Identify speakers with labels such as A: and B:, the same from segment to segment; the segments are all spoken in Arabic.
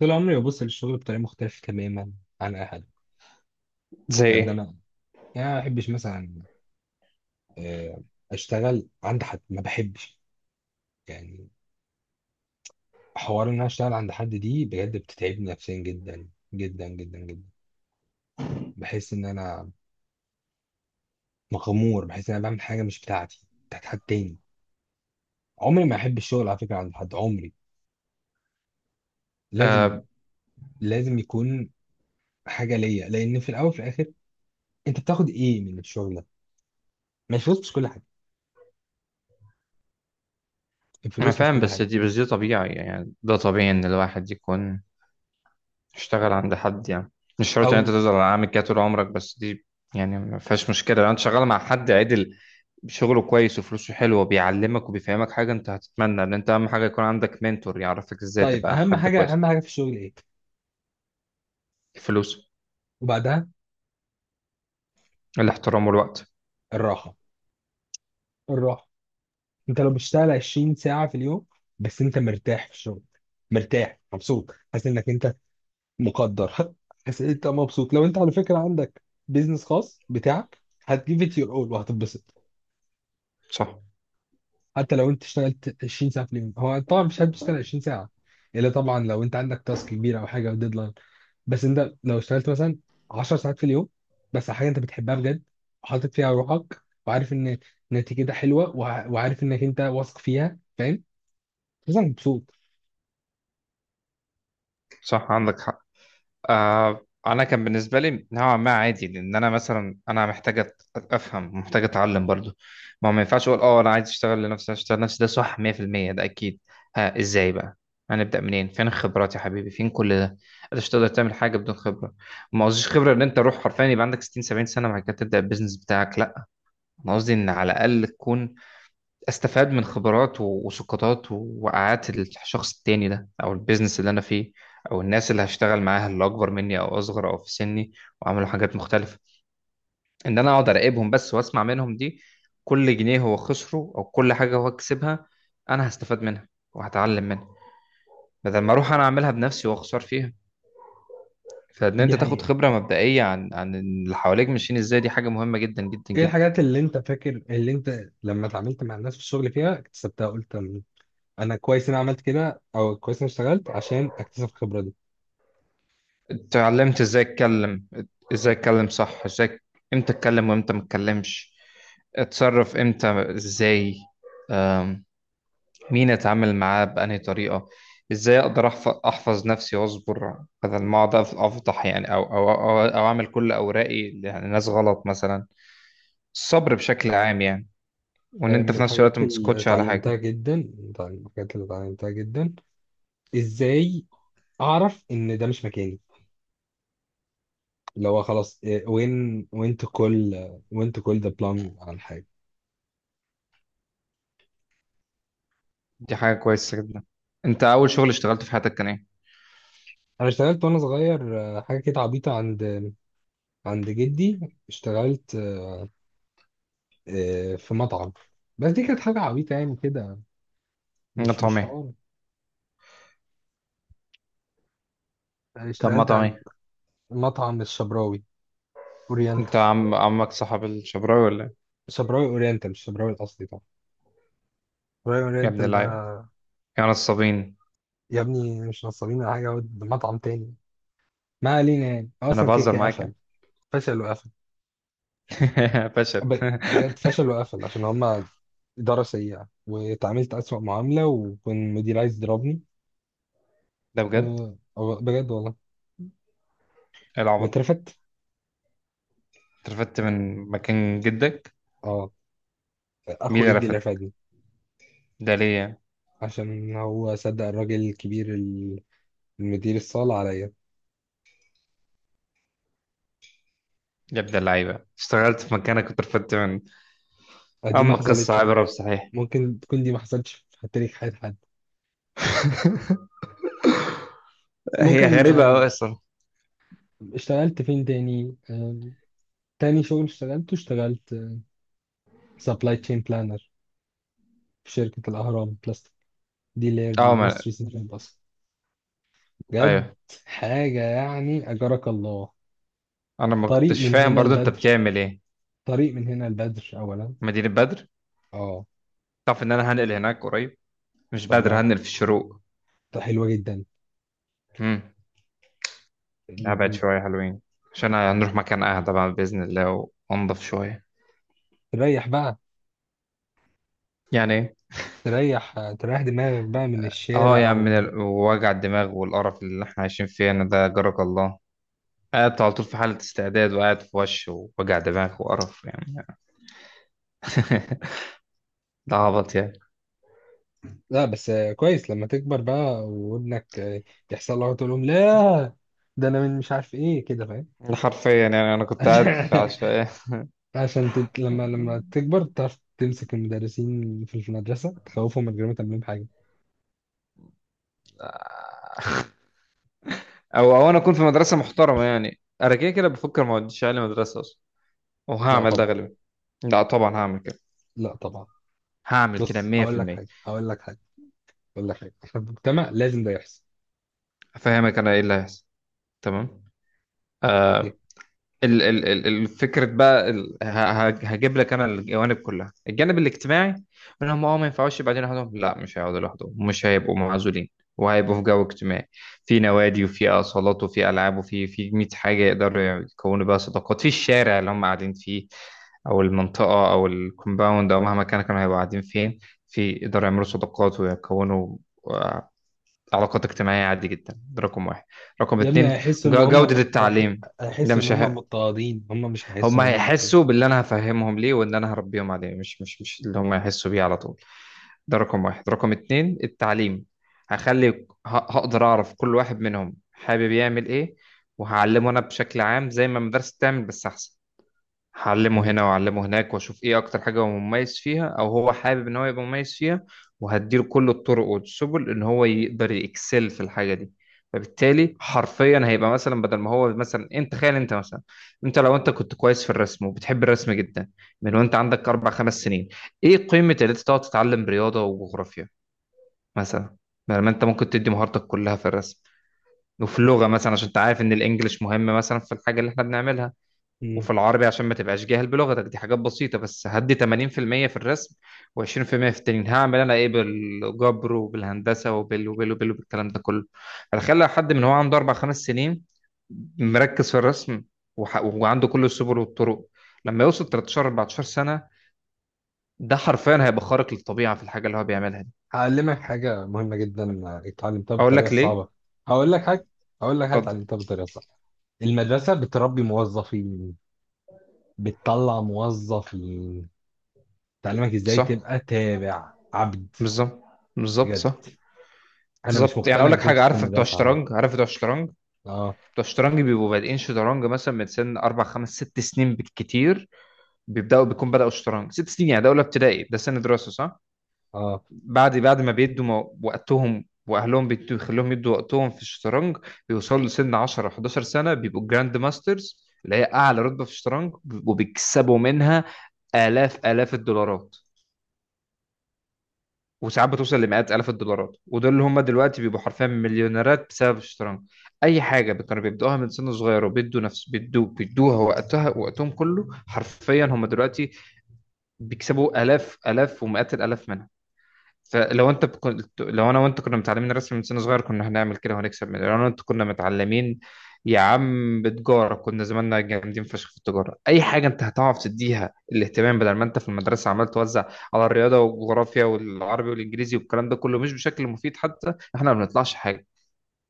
A: طول عمري ببص للشغل بطريقة مختلفة تماما عن أي حد.
B: زي
A: قد أنا،
B: ايه؟
A: يعني أنا ما بحبش مثلا، آه، أشتغل عند حد ما بحبش، يعني حوار إن أنا أشتغل عند حد دي بجد بتتعبني نفسيا جدا جدا جدا جدا. بحس إن أنا مغمور، بحس إن أنا بعمل حاجة مش بتاعتي، بتاعت حد تاني. عمري ما أحب الشغل على فكرة عند حد، عمري. لازم
B: آه،
A: لازم يكون حاجة ليا، لأن في الأول وفي الآخر أنت بتاخد إيه من الشغل ده؟ ما الفلوس مش كل حاجة،
B: انا
A: الفلوس مش
B: فاهم.
A: كل
B: بس
A: حاجة.
B: دي بس دي طبيعي، يعني ده طبيعي ان الواحد يكون اشتغل عند حد، يعني مش شرط ان انت
A: أو.
B: تفضل عامل كده طول عمرك. بس دي يعني ما فيهاش مشكله لو انت شغال مع حد عدل، شغله كويس وفلوسه حلوه، بيعلمك وبيفهمك حاجه. انت هتتمنى ان انت اهم حاجه يكون عندك منتور يعرفك ازاي
A: طيب،
B: تبقى
A: أهم
B: حد
A: حاجة
B: كويس.
A: أهم حاجة في الشغل إيه؟
B: الفلوس.
A: وبعدها؟
B: الاحترام والوقت.
A: الراحة، الراحة. انت لو بتشتغل 20 ساعة في اليوم، بس انت مرتاح في الشغل، مرتاح مبسوط، حاسس انك انت مقدر حاسس انت مبسوط. لو انت على فكرة عندك بيزنس خاص بتاعك، هتجيب ات يور اول وهتتبسط.
B: صح،
A: حتى لو انت اشتغلت 20 ساعه في اليوم، هو طبعا مش هتشتغل 20 ساعه، الا طبعا لو انت عندك تاسك كبير او حاجه او ديدلاين. بس انت لو اشتغلت مثلا 10 ساعات في اليوم، بس على حاجه انت بتحبها بجد، وحاطط فيها روحك، وعارف ان نتيجتها حلوه، وعارف انك انت واثق فيها، فاهم، مثلا، مبسوط.
B: صح عندك حق. آه، انا كان بالنسبه لي نوعا ما عادي، لان انا مثلا انا محتاج افهم، محتاج اتعلم برضو. ما هو ما ينفعش اقول اه انا عايز اشتغل لنفسي، عايز اشتغل لنفسي، ده صح 100%. ده اكيد. ها، ازاي بقى؟ هنبدا منين؟ فين الخبرات يا حبيبي؟ فين كل ده؟ انت مش تقدر تعمل حاجه بدون خبره. ما قصديش خبره ان انت روح حرفيا يبقى عندك 60-70 سنه بعد كده تبدا البيزنس بتاعك، لا. انا قصدي ان على الاقل تكون استفاد من خبرات وسقطات ووقعات الشخص التاني ده، او البيزنس اللي انا فيه، او الناس اللي هشتغل معاها، اللي اكبر مني او اصغر او في سني وعملوا حاجات مختلفه. ان انا اقعد اراقبهم بس واسمع منهم، دي كل جنيه هو خسره او كل حاجه هو كسبها، انا هستفاد منها وهتعلم منها، بدل ما اروح انا اعملها بنفسي واخسر فيها. فان
A: دي
B: انت تاخد
A: حقيقه.
B: خبره مبدئيه عن اللي حواليك ماشيين ازاي، دي حاجه مهمه جدا جدا
A: ايه
B: جدا.
A: الحاجات اللي انت فاكر، اللي انت لما اتعاملت مع الناس في الشغل فيها اكتسبتها، قلت انا كويس إن انا عملت كده، او كويس إن انا اشتغلت عشان اكتسب الخبره دي؟
B: اتعلمت ازاي اتكلم، ازاي اتكلم صح، ازاي، امتى اتكلم وامتى ما اتكلمش، اتصرف امتى، ازاي، آم، مين اتعامل معاه بأنهي طريقة، ازاي اقدر أحفظ نفسي واصبر بدل ما اقعد افضح يعني، أو اعمل كل اوراقي لناس غلط مثلا. الصبر بشكل عام يعني، وان
A: آه،
B: انت
A: من
B: في نفس الوقت
A: الحاجات
B: ما
A: اللي
B: تسكتش على
A: اتعلمتها
B: حاجة.
A: جدا، ازاي اعرف ان ده مش مكاني. اللي هو خلاص، وين وين تو كول وين تو كول ذا بلان عن حاجه.
B: دي حاجة كويسة جدا. انت اول شغل اشتغلته في حياتك كان ايه؟
A: انا اشتغلت وانا صغير، حاجه كده عبيطه، عند جدي اشتغلت، في مطعم. بس دي كانت حاجه عبيطه يعني كده، مش
B: مطعم
A: مش
B: ايه؟
A: حوار.
B: طب
A: اشتغلت
B: مطعم
A: عند
B: ايه؟
A: مطعم الشبراوي
B: انت
A: اورينتال.
B: عمك صاحب الشبراوي ولا إيه؟
A: شبراوي اورينتال مش الشبراوي الاصلي طبعا، شبراوي
B: يا ابن
A: اورينتال ده.
B: اللعيبة، يا نصابين.
A: يا ابني مش نصابين ولا حاجه، هو ده مطعم تاني. ما علينا، يعني هو
B: انا
A: اصلا كده
B: بهزر
A: كده
B: معاك
A: قفل.
B: يعني.
A: فشل وقفل.
B: فشل.
A: بجد فشل وقفل عشان هما إدارة سيئة، واتعاملت أسوأ معاملة، وكان مدير عايز يضربني.
B: ده بجد؟
A: أه، بجد والله،
B: إيه العبط؟
A: واترفدت.
B: انت رفدت من مكان جدك؟
A: اه،
B: مين
A: أخو
B: اللي
A: جدي اللي
B: رفد؟
A: رفدني.
B: ده ليه يعني؟
A: عشان هو صدق الراجل الكبير، المدير الصالة عليا.
B: يا ابن اللعيبة، اشتغلت في مكانك كنت رفدت من.
A: آه، دي ما
B: اما قصة
A: حصلتش
B: عبرة بصحيح.
A: ممكن تكون دي ما حصلتش في تاريخ حياة حد.
B: هي
A: ممكن،
B: غريبة
A: آه.
B: أوي أصلا.
A: اشتغلت فين تاني؟ تاني شغل اشتغلته، اشتغلت سبلاي تشين بلانر في شركة الأهرام بلاست، دي اللي هي
B: اه، ما...
A: المصري سيتي باص. بجد،
B: ايوه.
A: حاجة يعني أجرك الله.
B: انا ما
A: طريق
B: كنتش
A: من
B: فاهم
A: هنا
B: برضو انت
A: البدر،
B: بتعمل ايه.
A: طريق من هنا البدر أولا.
B: مدينة بدر.
A: اه.
B: تعرف ان انا هنقل هناك قريب؟ مش
A: طب
B: بدر،
A: ما
B: هنقل في الشروق.
A: طب حلوة جدا.
B: امم.
A: م-
B: هبعد
A: م-
B: شوية حلوين، عشان هنروح مكان اهدى بعد بإذن الله وانضف شوية.
A: تريح بقى،
B: يعني إيه؟
A: تريح دماغك بقى من
B: اه يا
A: الشارع
B: عم، من
A: و...
B: وجع الدماغ والقرف اللي احنا عايشين فيه انا، ده جارك الله. قاعد على طول في حالة استعداد، وقاعد في وش ووجع دماغ وقرف يعني. ده عبط يعني.
A: لا بس، كويس لما تكبر بقى، وابنك، يحصل له، تقول لهم لا، ده انا من مش عارف ايه كده، فاهم.
B: ده حرفيا يعني انا كنت قاعد
A: عشان
B: في عشوائية.
A: لما تكبر، تعرف تمسك المدرسين في المدرسة، تخوفهم من غير ما تعمل لهم حاجة.
B: او انا اكون في مدرسة محترمة. يعني انا كده كده بفكر ما اوديش عيالي مدرسة اصلا،
A: لا
B: وهعمل ده
A: طبعا.
B: غالبا. لا طبعا، هعمل كده.
A: لا طبعا.
B: هعمل كده
A: بص،
B: 100%.
A: هقول لك حاجه في المجتمع، لازم ده يحصل.
B: هفهمك انا ايه اللي هيحصل. تمام.
A: اوكي.
B: آه، الفكرة بقى، هجيب لك انا الجوانب كلها. الجانب الاجتماعي، انهم ما ينفعوش يبقى قاعدين لوحدهم. لا، مش هيقعدوا لوحدهم، مش هيبقوا معزولين، وهيبقوا في جو اجتماعي، في نوادي وفي اصالات وفي العاب وفي 100 حاجة يقدروا يكونوا بقى صداقات في الشارع اللي هم قاعدين فيه، او المنطقة او الكومباوند او مهما كان، كانوا هيبقوا قاعدين فين. في يقدروا يعملوا صداقات ويكونوا آه، علاقات اجتماعية عادي جدا. ده رقم واحد. رقم
A: يا ابني،
B: اتنين،
A: هيحسوا ان هم
B: جودة التعليم. ده
A: هيحسوا ان
B: مش
A: هم مضطهدين، هم مش
B: هم
A: هيحسوا ان هم مضطهدين.
B: هيحسوا باللي انا هفهمهم ليه وان انا هربيهم عليه، مش اللي هم هيحسوا بيه على طول. ده رقم واحد، رقم اتنين التعليم. هخلي هقدر اعرف كل واحد منهم حابب يعمل ايه، وهعلمه انا بشكل عام زي ما المدرسة بتعمل بس احسن. هعلمه
A: مم.
B: هنا واعلمه هناك، واشوف ايه اكتر حاجه هو مميز فيها او هو حابب ان هو يبقى مميز فيها، وهديله كل الطرق والسبل ان هو يقدر يكسل في الحاجه دي. فبالتالي حرفيا هيبقى مثلا، بدل ما هو مثلا إيه، انت تخيل، انت مثلا، لو انت كنت كويس في الرسم وبتحب الرسم جدا من وانت عندك اربع خمس سنين، ايه قيمه ان انت تقعد تتعلم رياضه وجغرافيا مثلا، بدل ما انت ممكن تدي مهارتك كلها في الرسم وفي اللغه مثلا عشان انت عارف ان الانجليش مهم مثلا في الحاجه اللي احنا بنعملها،
A: مم.
B: وفي العربي عشان ما تبقاش جاهل بلغتك، دي حاجات بسيطة. بس هدي 80% في المية في الرسم، و20% في التنين. هعمل انا ايه بالجبر وبالهندسة وبالكلام ده كله؟ هتخلي حد من هو عنده اربع خمس سنين مركز في الرسم وعنده كل السبل والطرق، لما يوصل 13-14 سنة ده حرفيا هيبقى خارق للطبيعة في الحاجة اللي هو بيعملها دي.
A: هعلمك حاجه مهمه جدا، اتعلمتها
B: اقول
A: بالطريقه
B: لك ليه؟
A: الصعبه. هقول لك حاجه هقول لك حاجه
B: اتفضل.
A: اتعلمتها بالطريقه الصعبه. المدرسه بتربي موظفين، بتطلع موظفين، تعلمك ازاي
B: صح،
A: تبقى تابع عبد.
B: بالظبط. بالظبط
A: بجد.
B: صح.
A: انا مش
B: بالظبط، يعني
A: مقتنع
B: اقول لك حاجة.
A: بكونسيبت
B: عارف بتوع
A: المدرسه عامه.
B: الشطرنج؟ عارف بتوع الشطرنج؟
A: اه،
B: بتوع الشطرنج بيبقوا بادئين شطرنج مثلا من سن اربع خمس ست سنين بالكتير. بيبداوا بيكون بداوا الشطرنج ست سنين، يعني ده اولى ابتدائي، ده سن دراسه صح؟
A: اه.
B: بعد ما بيدوا وقتهم، واهلهم بيخلوهم يدوا وقتهم في الشطرنج، بيوصلوا لسن 10-11 سنه بيبقوا جراند ماسترز اللي هي اعلى رتبه في الشطرنج، وبيكسبوا منها الاف الاف الدولارات، وساعات بتوصل لمئات آلاف الدولارات. ودول اللي هم دلوقتي بيبقوا حرفيا مليونيرات بسبب الشطرنج. أي حاجة كانوا بيبدأوها من سن صغير وبيدوا نفس بيدوا بيدوها وقتها وقتهم كله حرفيا، هم دلوقتي بيكسبوا آلاف آلاف ومئات الآلاف منها. فلو انت كنت لو انا وانت كنا متعلمين الرسم من سن صغير، كنا هنعمل كده وهنكسب لو انا وانت كنا متعلمين يا عم بتجارة، كنا زماننا جامدين فشخ في التجارة. اي حاجة انت هتعرف تديها الاهتمام بدل ما انت في المدرسة عمال توزع على الرياضة والجغرافيا والعربي والانجليزي والكلام ده كله مش بشكل مفيد. حتى احنا ما بنطلعش حاجة.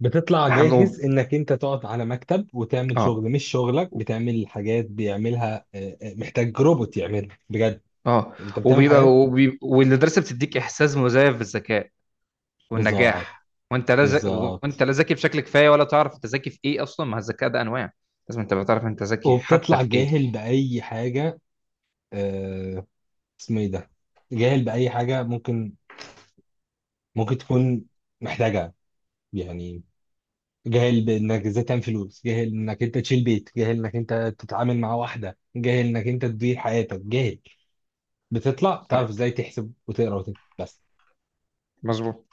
A: بتطلع
B: احنا
A: جاهز
B: وب-
A: انك انت تقعد على مكتب وتعمل شغل
B: اه،
A: مش شغلك، بتعمل حاجات بيعملها، محتاج روبوت يعملها بجد.
B: اه،
A: انت بتعمل حاجات.
B: والمدرسة بتديك احساس مزيف بالذكاء
A: بالظبط،
B: والنجاح، وانت لا ز...
A: بالظبط.
B: وانت لا ذكي بشكل كفايه ولا تعرف انت ذكي في ايه اصلا. ما الذكاء ده انواع، لازم تبقى تعرف انت ذكي حتى
A: وبتطلع
B: في ايه.
A: جاهل بأي حاجة، آه، اسمه ايه ده، جاهل بأي حاجة ممكن، ممكن تكون محتاجها، يعني، جاهل بانك ازاي تعمل فلوس، جاهل انك انت تشيل بيت، جاهل انك انت تتعامل مع واحدة، جاهل انك انت تدير حياتك، جاهل. بتطلع بتعرف
B: صح،
A: ازاي تحسب وتقرا وتكتب بس.
B: مظبوط.